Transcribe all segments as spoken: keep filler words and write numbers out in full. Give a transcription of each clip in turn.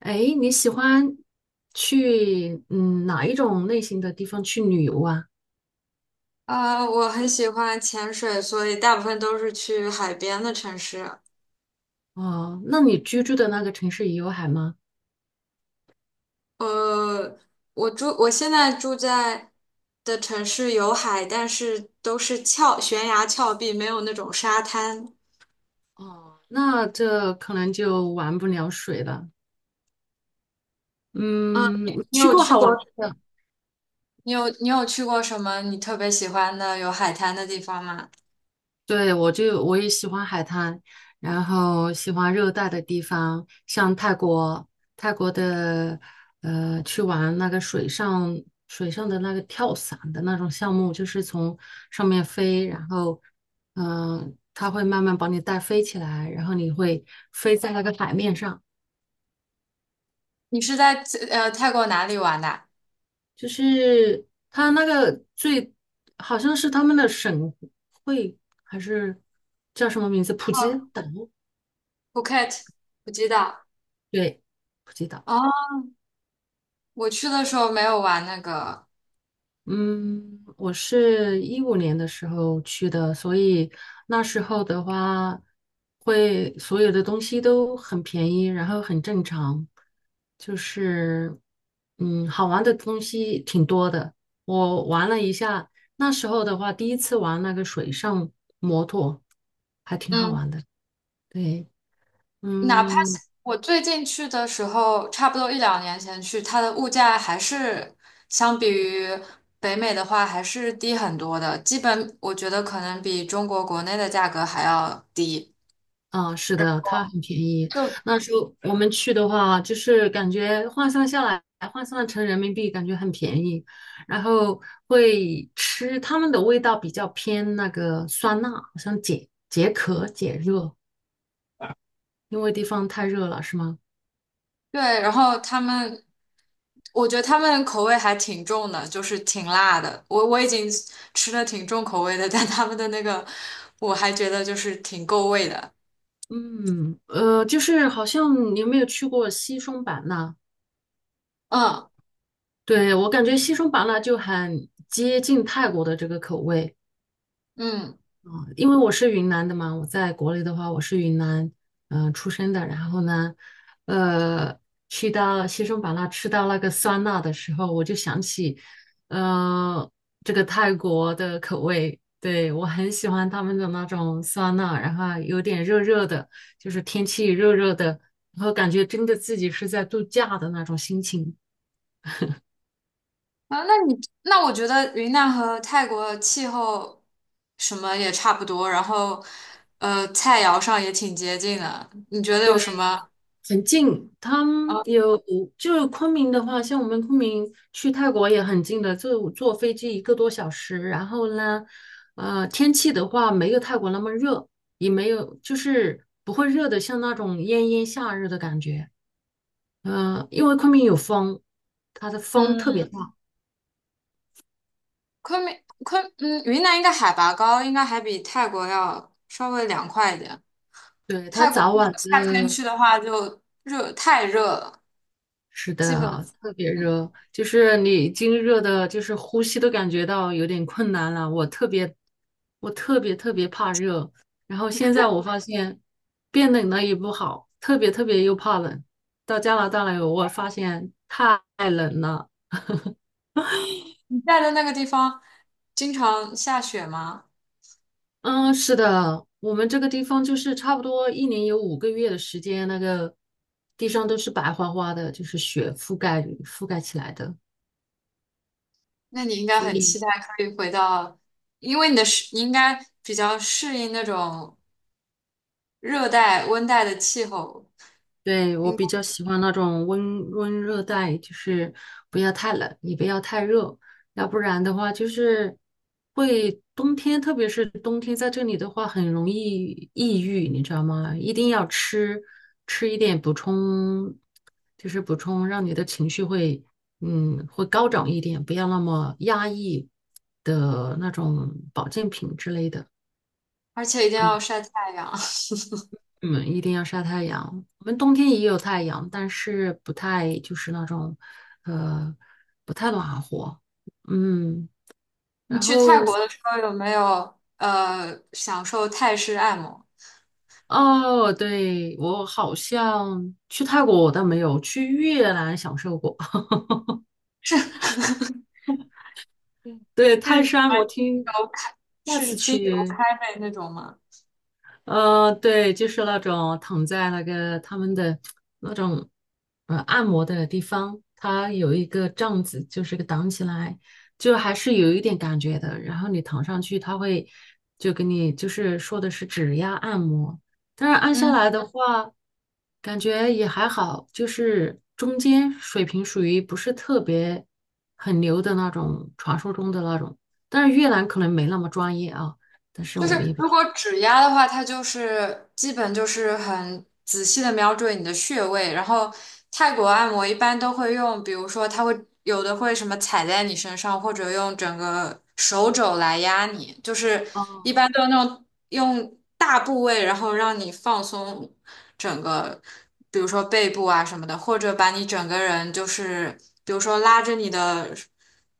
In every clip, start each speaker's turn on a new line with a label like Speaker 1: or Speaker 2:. Speaker 1: 哎，你喜欢去嗯哪一种类型的地方去旅游啊？
Speaker 2: 啊，我很喜欢潜水，所以大部分都是去海边的城市。
Speaker 1: 哦，那你居住的那个城市也有海吗？
Speaker 2: 呃，我住，我现在住在的城市有海，但是都是峭悬崖峭壁，没有那种沙滩。
Speaker 1: 哦，那这可能就玩不了水了。
Speaker 2: 嗯，
Speaker 1: 嗯，
Speaker 2: 你
Speaker 1: 去
Speaker 2: 有
Speaker 1: 过
Speaker 2: 去
Speaker 1: 好
Speaker 2: 过？
Speaker 1: 玩的。
Speaker 2: 你有你有去过什么你特别喜欢的有海滩的地方吗？
Speaker 1: 对，我就我也喜欢海滩，然后喜欢热带的地方，像泰国，泰国的呃，去玩那个水上水上的那个跳伞的那种项目，就是从上面飞，然后嗯、呃它会慢慢把你带飞起来，然后你会飞在那个海面上，
Speaker 2: 你是在呃泰国哪里玩的啊？
Speaker 1: 就是它那个最好像是他们的省会还是叫什么名字？普吉
Speaker 2: 哦
Speaker 1: 岛，
Speaker 2: ，Phuket，普吉岛。
Speaker 1: 对，普吉岛。
Speaker 2: 哦，我去的时候没有玩那个。
Speaker 1: 嗯，我是一五年的时候去的，所以那时候的话，会所有的东西都很便宜，然后很正常，就是嗯，好玩的东西挺多的。我玩了一下，那时候的话，第一次玩那个水上摩托，还挺好
Speaker 2: 嗯。
Speaker 1: 玩的。对，
Speaker 2: 哪怕是
Speaker 1: 嗯，
Speaker 2: 我最近去的时候，差不多一两年前去，它的物价还是相比于北美的话还是低很多的，基本我觉得可能比中国国内的价格还要低。
Speaker 1: 啊，是的，它很便宜。
Speaker 2: 就
Speaker 1: 那时候我们去的话，就是感觉换算下来，换算成人民币，感觉很便宜。然后会吃他们的味道比较偏那个酸辣，好像解解渴解热，因为地方太热了，是吗？
Speaker 2: 对，然后他们，我觉得他们口味还挺重的，就是挺辣的。我我已经吃的挺重口味的，但他们的那个我还觉得就是挺够味的。
Speaker 1: 嗯，呃，就是好像你有没有去过西双版纳？
Speaker 2: 嗯
Speaker 1: 对，我感觉西双版纳就很接近泰国的这个口味。
Speaker 2: 嗯。
Speaker 1: 因为我是云南的嘛，我在国内的话，我是云南，嗯、呃出生的。然后呢，呃，去到西双版纳吃到那个酸辣的时候，我就想起，呃，这个泰国的口味，对，我很喜欢他们的那种酸辣，然后有点热热的，就是天气热热的，然后感觉真的自己是在度假的那种心情。
Speaker 2: 啊，那你那我觉得云南和泰国的气候什么也差不多，然后呃，菜肴上也挺接近的。你觉得有
Speaker 1: 对。
Speaker 2: 什么？
Speaker 1: 很近，他们
Speaker 2: 啊？
Speaker 1: 有就是昆明的话，像我们昆明去泰国也很近的，就坐飞机一个多小时。然后呢，呃，天气的话没有泰国那么热，也没有就是不会热的像那种炎炎夏日的感觉。嗯、因为昆明有风，它的风特
Speaker 2: 嗯，
Speaker 1: 别大，
Speaker 2: 昆明昆嗯，云南应该海拔高，应该还比泰国要稍微凉快一点。
Speaker 1: 对，它
Speaker 2: 泰国
Speaker 1: 早
Speaker 2: 如果
Speaker 1: 晚
Speaker 2: 夏天
Speaker 1: 的
Speaker 2: 去的话，就热太热了，
Speaker 1: 是
Speaker 2: 基
Speaker 1: 的
Speaker 2: 本
Speaker 1: 啊，特别
Speaker 2: 嗯，
Speaker 1: 热，就是你已经热的，就是呼吸都感觉到有点困难了。我特别，我特别特别怕热，然后现在我发现变冷了也不好，特别特别又怕冷。到加拿大来，我发现太冷了。
Speaker 2: 你在的那个地方经常下雪吗？
Speaker 1: 嗯，是的，我们这个地方就是差不多一年有五个月的时间，那个地上都是白花花的，就是雪覆盖覆盖起来的。
Speaker 2: 那你应该
Speaker 1: 所
Speaker 2: 很期
Speaker 1: 以。
Speaker 2: 待可以回到，因为你的适，你应该比较适应那种热带、温带的气候，
Speaker 1: 对，我
Speaker 2: 应，
Speaker 1: 比较喜欢那种温温热带，就是不要太冷，也不要太热，要不然的话就是会冬天，特别是冬天在这里的话，很容易抑郁，你知道吗？一定要吃吃一点补充，就是补充让你的情绪会嗯会高涨一点，不要那么压抑的那种保健品之类的。
Speaker 2: 而且一定要晒太阳。
Speaker 1: 嗯，一定要晒太阳。我们冬天也有太阳，但是不太就是那种，呃，不太暖和。嗯，
Speaker 2: 你
Speaker 1: 然
Speaker 2: 去泰
Speaker 1: 后
Speaker 2: 国的时候有没有呃享受泰式按摩？
Speaker 1: 哦，对，我好像去泰国我倒没有，去越南享受过。对，
Speaker 2: 是
Speaker 1: 泰
Speaker 2: 什
Speaker 1: 山
Speaker 2: 么
Speaker 1: 我
Speaker 2: 精
Speaker 1: 听
Speaker 2: 油开，
Speaker 1: 下
Speaker 2: 是
Speaker 1: 次
Speaker 2: 精油
Speaker 1: 去
Speaker 2: 开背那种吗？
Speaker 1: 呃，对，就是那种躺在那个他们的那种呃按摩的地方，它有一个帐子，就是个挡起来，就还是有一点感觉的。然后你躺上去，它会就给你就是说的是指压按摩，但是按下
Speaker 2: 嗯。
Speaker 1: 来的话，感觉也还好，就是中间水平属于不是特别很牛的那种，传说中的那种。但是越南可能没那么专业啊，但是
Speaker 2: 就是
Speaker 1: 我也不
Speaker 2: 如
Speaker 1: 知
Speaker 2: 果指压的话，它就是基本就是很仔细的瞄准你的穴位，然后泰国按摩一般都会用，比如说它会有的会什么踩在你身上，或者用整个手肘来压你，就是一
Speaker 1: 道。
Speaker 2: 般都那种用大部位，然后让你放松整个，比如说背部啊什么的，或者把你整个人就是比如说拉着你的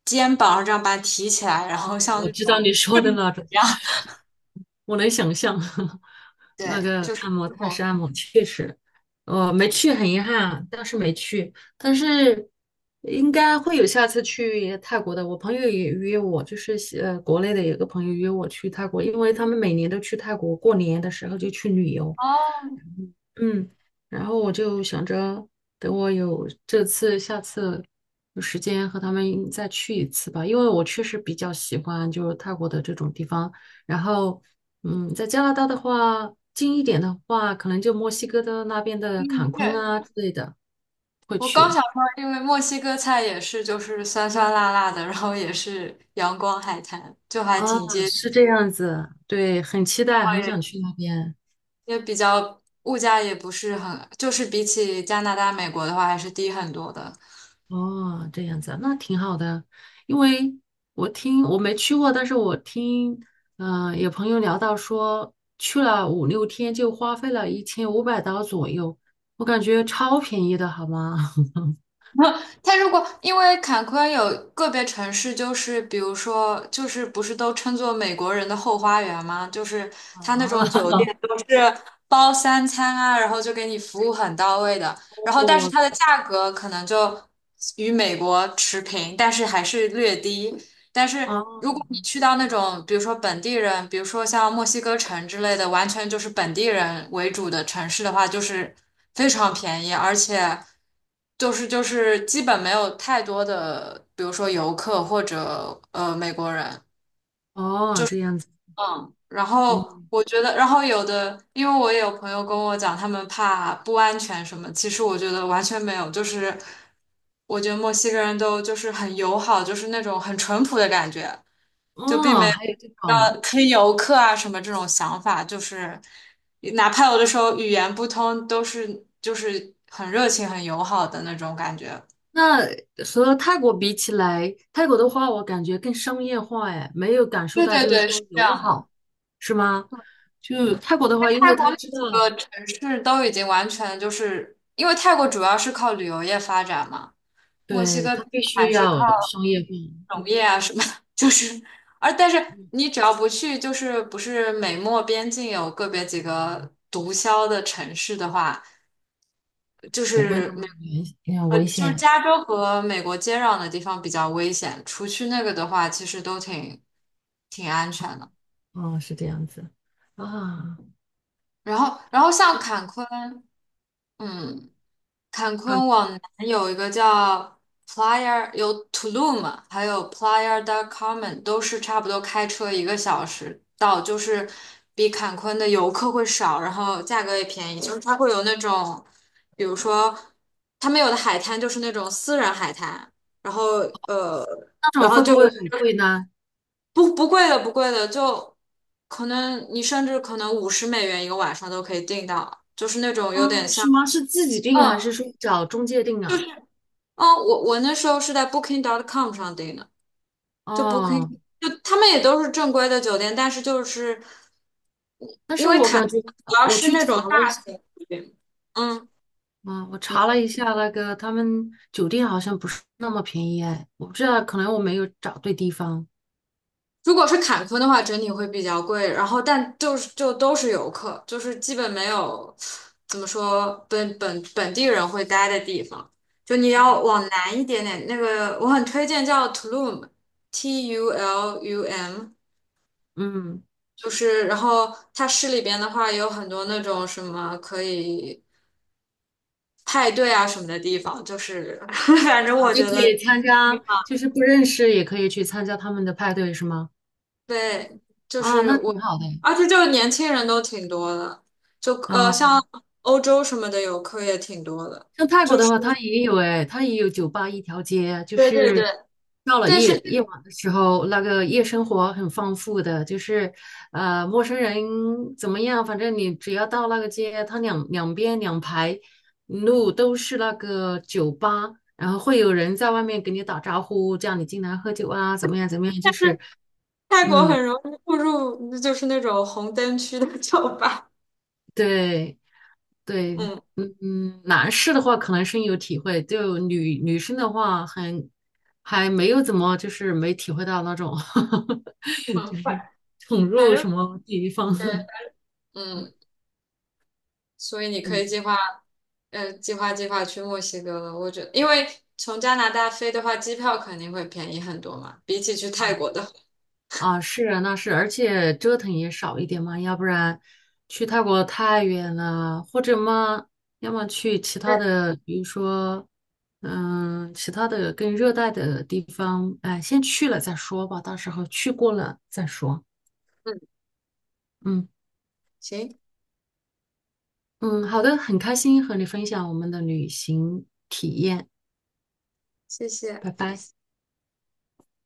Speaker 2: 肩膀，这样把它提起来，然后像
Speaker 1: 我
Speaker 2: 那
Speaker 1: 知道
Speaker 2: 种。
Speaker 1: 你说的那种，我能想象 那
Speaker 2: 对，
Speaker 1: 个
Speaker 2: 就是
Speaker 1: 按摩
Speaker 2: 不
Speaker 1: 泰式
Speaker 2: 同。
Speaker 1: 按摩，确实，我没去，很遗憾，当是没去，但是应该会有下次去泰国的。我朋友也约我，就是呃，国内的有个朋友约我去泰国，因为他们每年都去泰国，过年的时候就去旅游，
Speaker 2: 哦，
Speaker 1: 嗯，然后我就想着，等我有这次、下次有时间和他们再去一次吧，因为我确实比较喜欢就是泰国的这种地方。然后，嗯，在加拿大的话，近一点的话，可能就墨西哥的那边的坎
Speaker 2: 嗯，
Speaker 1: 昆
Speaker 2: 对，
Speaker 1: 啊之类的会
Speaker 2: 我刚
Speaker 1: 去。
Speaker 2: 想说，因为墨西哥菜也是就是酸酸辣辣的，然后也是阳光海滩，就还
Speaker 1: 啊，
Speaker 2: 挺接，
Speaker 1: 是这样子，对，很期待，
Speaker 2: 然后
Speaker 1: 很
Speaker 2: 也
Speaker 1: 想去那边。
Speaker 2: 也比较物价也不是很，就是比起加拿大、美国的话还是低很多的。
Speaker 1: 哦，这样子啊那挺好的。因为我听我没去过，但是我听，嗯、有朋友聊到说去了五六天就花费了一千五百刀左右，我感觉超便宜的，好吗？
Speaker 2: 他如果因为坎昆有个别城市，就是比如说，就是不是都称作美国人的后花园吗？就是
Speaker 1: 啊，
Speaker 2: 他那种酒店 都是包三餐啊，然后就给你服务很到位的。然后，但是它
Speaker 1: 哦
Speaker 2: 的价格可能就与美国持平，但是还是略低。但是如
Speaker 1: 哦
Speaker 2: 果你去到那种，比如说本地人，比如说像墨西哥城之类的，完全就是本地人为主的城市的话，就是非常便宜，而且就是就是基本没有太多的，比如说游客或者呃美国人。
Speaker 1: 哦，这样子，
Speaker 2: 嗯，然后
Speaker 1: 嗯，
Speaker 2: 我觉得，然后有的，因为我也有朋友跟我讲，他们怕不安全什么，其实我觉得完全没有，就是我觉得墨西哥人都就是很友好，就是那种很淳朴的感觉。就并没
Speaker 1: 哦，
Speaker 2: 有
Speaker 1: 还有这种。
Speaker 2: 让坑游客啊什么这种想法，就是哪怕有的时候语言不通，都是就是很热情、很友好的那种感觉。
Speaker 1: 那和泰国比起来，泰国的话，我感觉更商业化，哎，没有感受
Speaker 2: 对
Speaker 1: 到
Speaker 2: 对
Speaker 1: 就是
Speaker 2: 对，是
Speaker 1: 说
Speaker 2: 这
Speaker 1: 友
Speaker 2: 样的。
Speaker 1: 好，是吗？就泰国的话，因
Speaker 2: 泰
Speaker 1: 为
Speaker 2: 国
Speaker 1: 他
Speaker 2: 那
Speaker 1: 知道，
Speaker 2: 几个城市都已经完全就是，因为泰国主要是靠旅游业发展嘛，墨西
Speaker 1: 对，
Speaker 2: 哥
Speaker 1: 他必
Speaker 2: 还
Speaker 1: 须
Speaker 2: 是靠
Speaker 1: 要商业化，
Speaker 2: 农
Speaker 1: 嗯
Speaker 2: 业啊什么，就是而但是
Speaker 1: 嗯
Speaker 2: 你只要不去，就是不是美墨边境有个别几个毒枭的城市的话。就
Speaker 1: 不会
Speaker 2: 是
Speaker 1: 那
Speaker 2: 没。
Speaker 1: 么危呃
Speaker 2: 呃，
Speaker 1: 危
Speaker 2: 就是
Speaker 1: 险，
Speaker 2: 加州和美国接壤的地方比较危险，除去那个的话，其实都挺挺安全的。
Speaker 1: 哦，是这样子啊。
Speaker 2: 然后，然后像坎昆，嗯，坎昆
Speaker 1: 很
Speaker 2: 往南有一个叫 Playa，有 Tulum，还有 Playa del Carmen，都是差不多开车一个小时到，就是比坎昆的游客会少，然后价格也便宜。就是它会有那种，比如说他们有的海滩就是那种私人海滩，然后呃，
Speaker 1: 那
Speaker 2: 然
Speaker 1: 种
Speaker 2: 后
Speaker 1: 会不
Speaker 2: 就
Speaker 1: 会很贵呢？
Speaker 2: 不不贵的不贵的，就可能你甚至可能五十美元一个晚上都可以订到，就是那种有点
Speaker 1: 啊，
Speaker 2: 像。
Speaker 1: 是吗？是自己定还
Speaker 2: 嗯。
Speaker 1: 是说找中介定
Speaker 2: 就
Speaker 1: 啊？
Speaker 2: 哦，我我那时候是在 Booking 点 com 上订的，就
Speaker 1: 哦，
Speaker 2: Booking，就他们也都是正规的酒店，但是就是主
Speaker 1: 但是我感觉
Speaker 2: 要
Speaker 1: 我
Speaker 2: 是
Speaker 1: 去
Speaker 2: 那种
Speaker 1: 查
Speaker 2: 大
Speaker 1: 了一下。
Speaker 2: 型酒店。嗯，
Speaker 1: 啊，我查
Speaker 2: 你
Speaker 1: 了一下，那个他们酒店好像不是那么便宜哎，我不知道，可能我没有找对地方。
Speaker 2: 如果是坎昆的话，整体会比较贵，然后但就是就都是游客，就是基本没有怎么说本本本地人会待的地方。就你要往南一点点，那个我很推荐叫 Tulum，T U L U M，
Speaker 1: 嗯，
Speaker 2: 就是，然后它市里边的话有很多那种什么可以派对啊什么的地方，就是 反正
Speaker 1: 啊，
Speaker 2: 我
Speaker 1: 就
Speaker 2: 觉
Speaker 1: 可
Speaker 2: 得
Speaker 1: 以参加，就是不认识也可以去参加他们的派对是吗？
Speaker 2: 对，就
Speaker 1: 啊，
Speaker 2: 是
Speaker 1: 那挺
Speaker 2: 我，
Speaker 1: 好的。
Speaker 2: 而且就是年轻人都挺多的，就呃
Speaker 1: 啊。
Speaker 2: 像欧洲什么的游客也挺多的，
Speaker 1: 像泰国
Speaker 2: 就
Speaker 1: 的
Speaker 2: 是
Speaker 1: 话，它也有哎，它也有酒吧一条街，就
Speaker 2: 对对对，
Speaker 1: 是到了
Speaker 2: 但是
Speaker 1: 夜夜晚的时候，那个夜生活很丰富的，就是呃，陌生人怎么样，反正你只要到那个街，它两两边两排路都是那个酒吧，然后会有人在外面给你打招呼，叫你进来喝酒啊，怎么样怎么样，就是
Speaker 2: 泰国
Speaker 1: 嗯，
Speaker 2: 很容易步入就是那种红灯区的酒吧，
Speaker 1: 对。对，
Speaker 2: 嗯
Speaker 1: 嗯，嗯，男士的话可能深有体会，就女女生的话很还没有怎么就是没体会到那种 就
Speaker 2: 嗯，反
Speaker 1: 是宠
Speaker 2: 反
Speaker 1: 入
Speaker 2: 正
Speaker 1: 什么地方，
Speaker 2: 对，嗯，所以你 可
Speaker 1: 嗯
Speaker 2: 以计划。呃，计划计划去墨西哥了。我觉得，因为从加拿大飞的话，机票肯定会便宜很多嘛，比起去泰
Speaker 1: 啊
Speaker 2: 国的。
Speaker 1: 啊是啊那是，而且折腾也少一点嘛，要不然去泰国太远了，或者嘛，要么去其他
Speaker 2: 对
Speaker 1: 的，比如说嗯其他的更热带的地方，哎，先去了再说吧，到时候去过了再说，
Speaker 2: 嗯，
Speaker 1: 嗯。
Speaker 2: 行，
Speaker 1: 嗯，好的，很开心和你分享我们的旅行，
Speaker 2: 谢谢。
Speaker 1: 拜拜。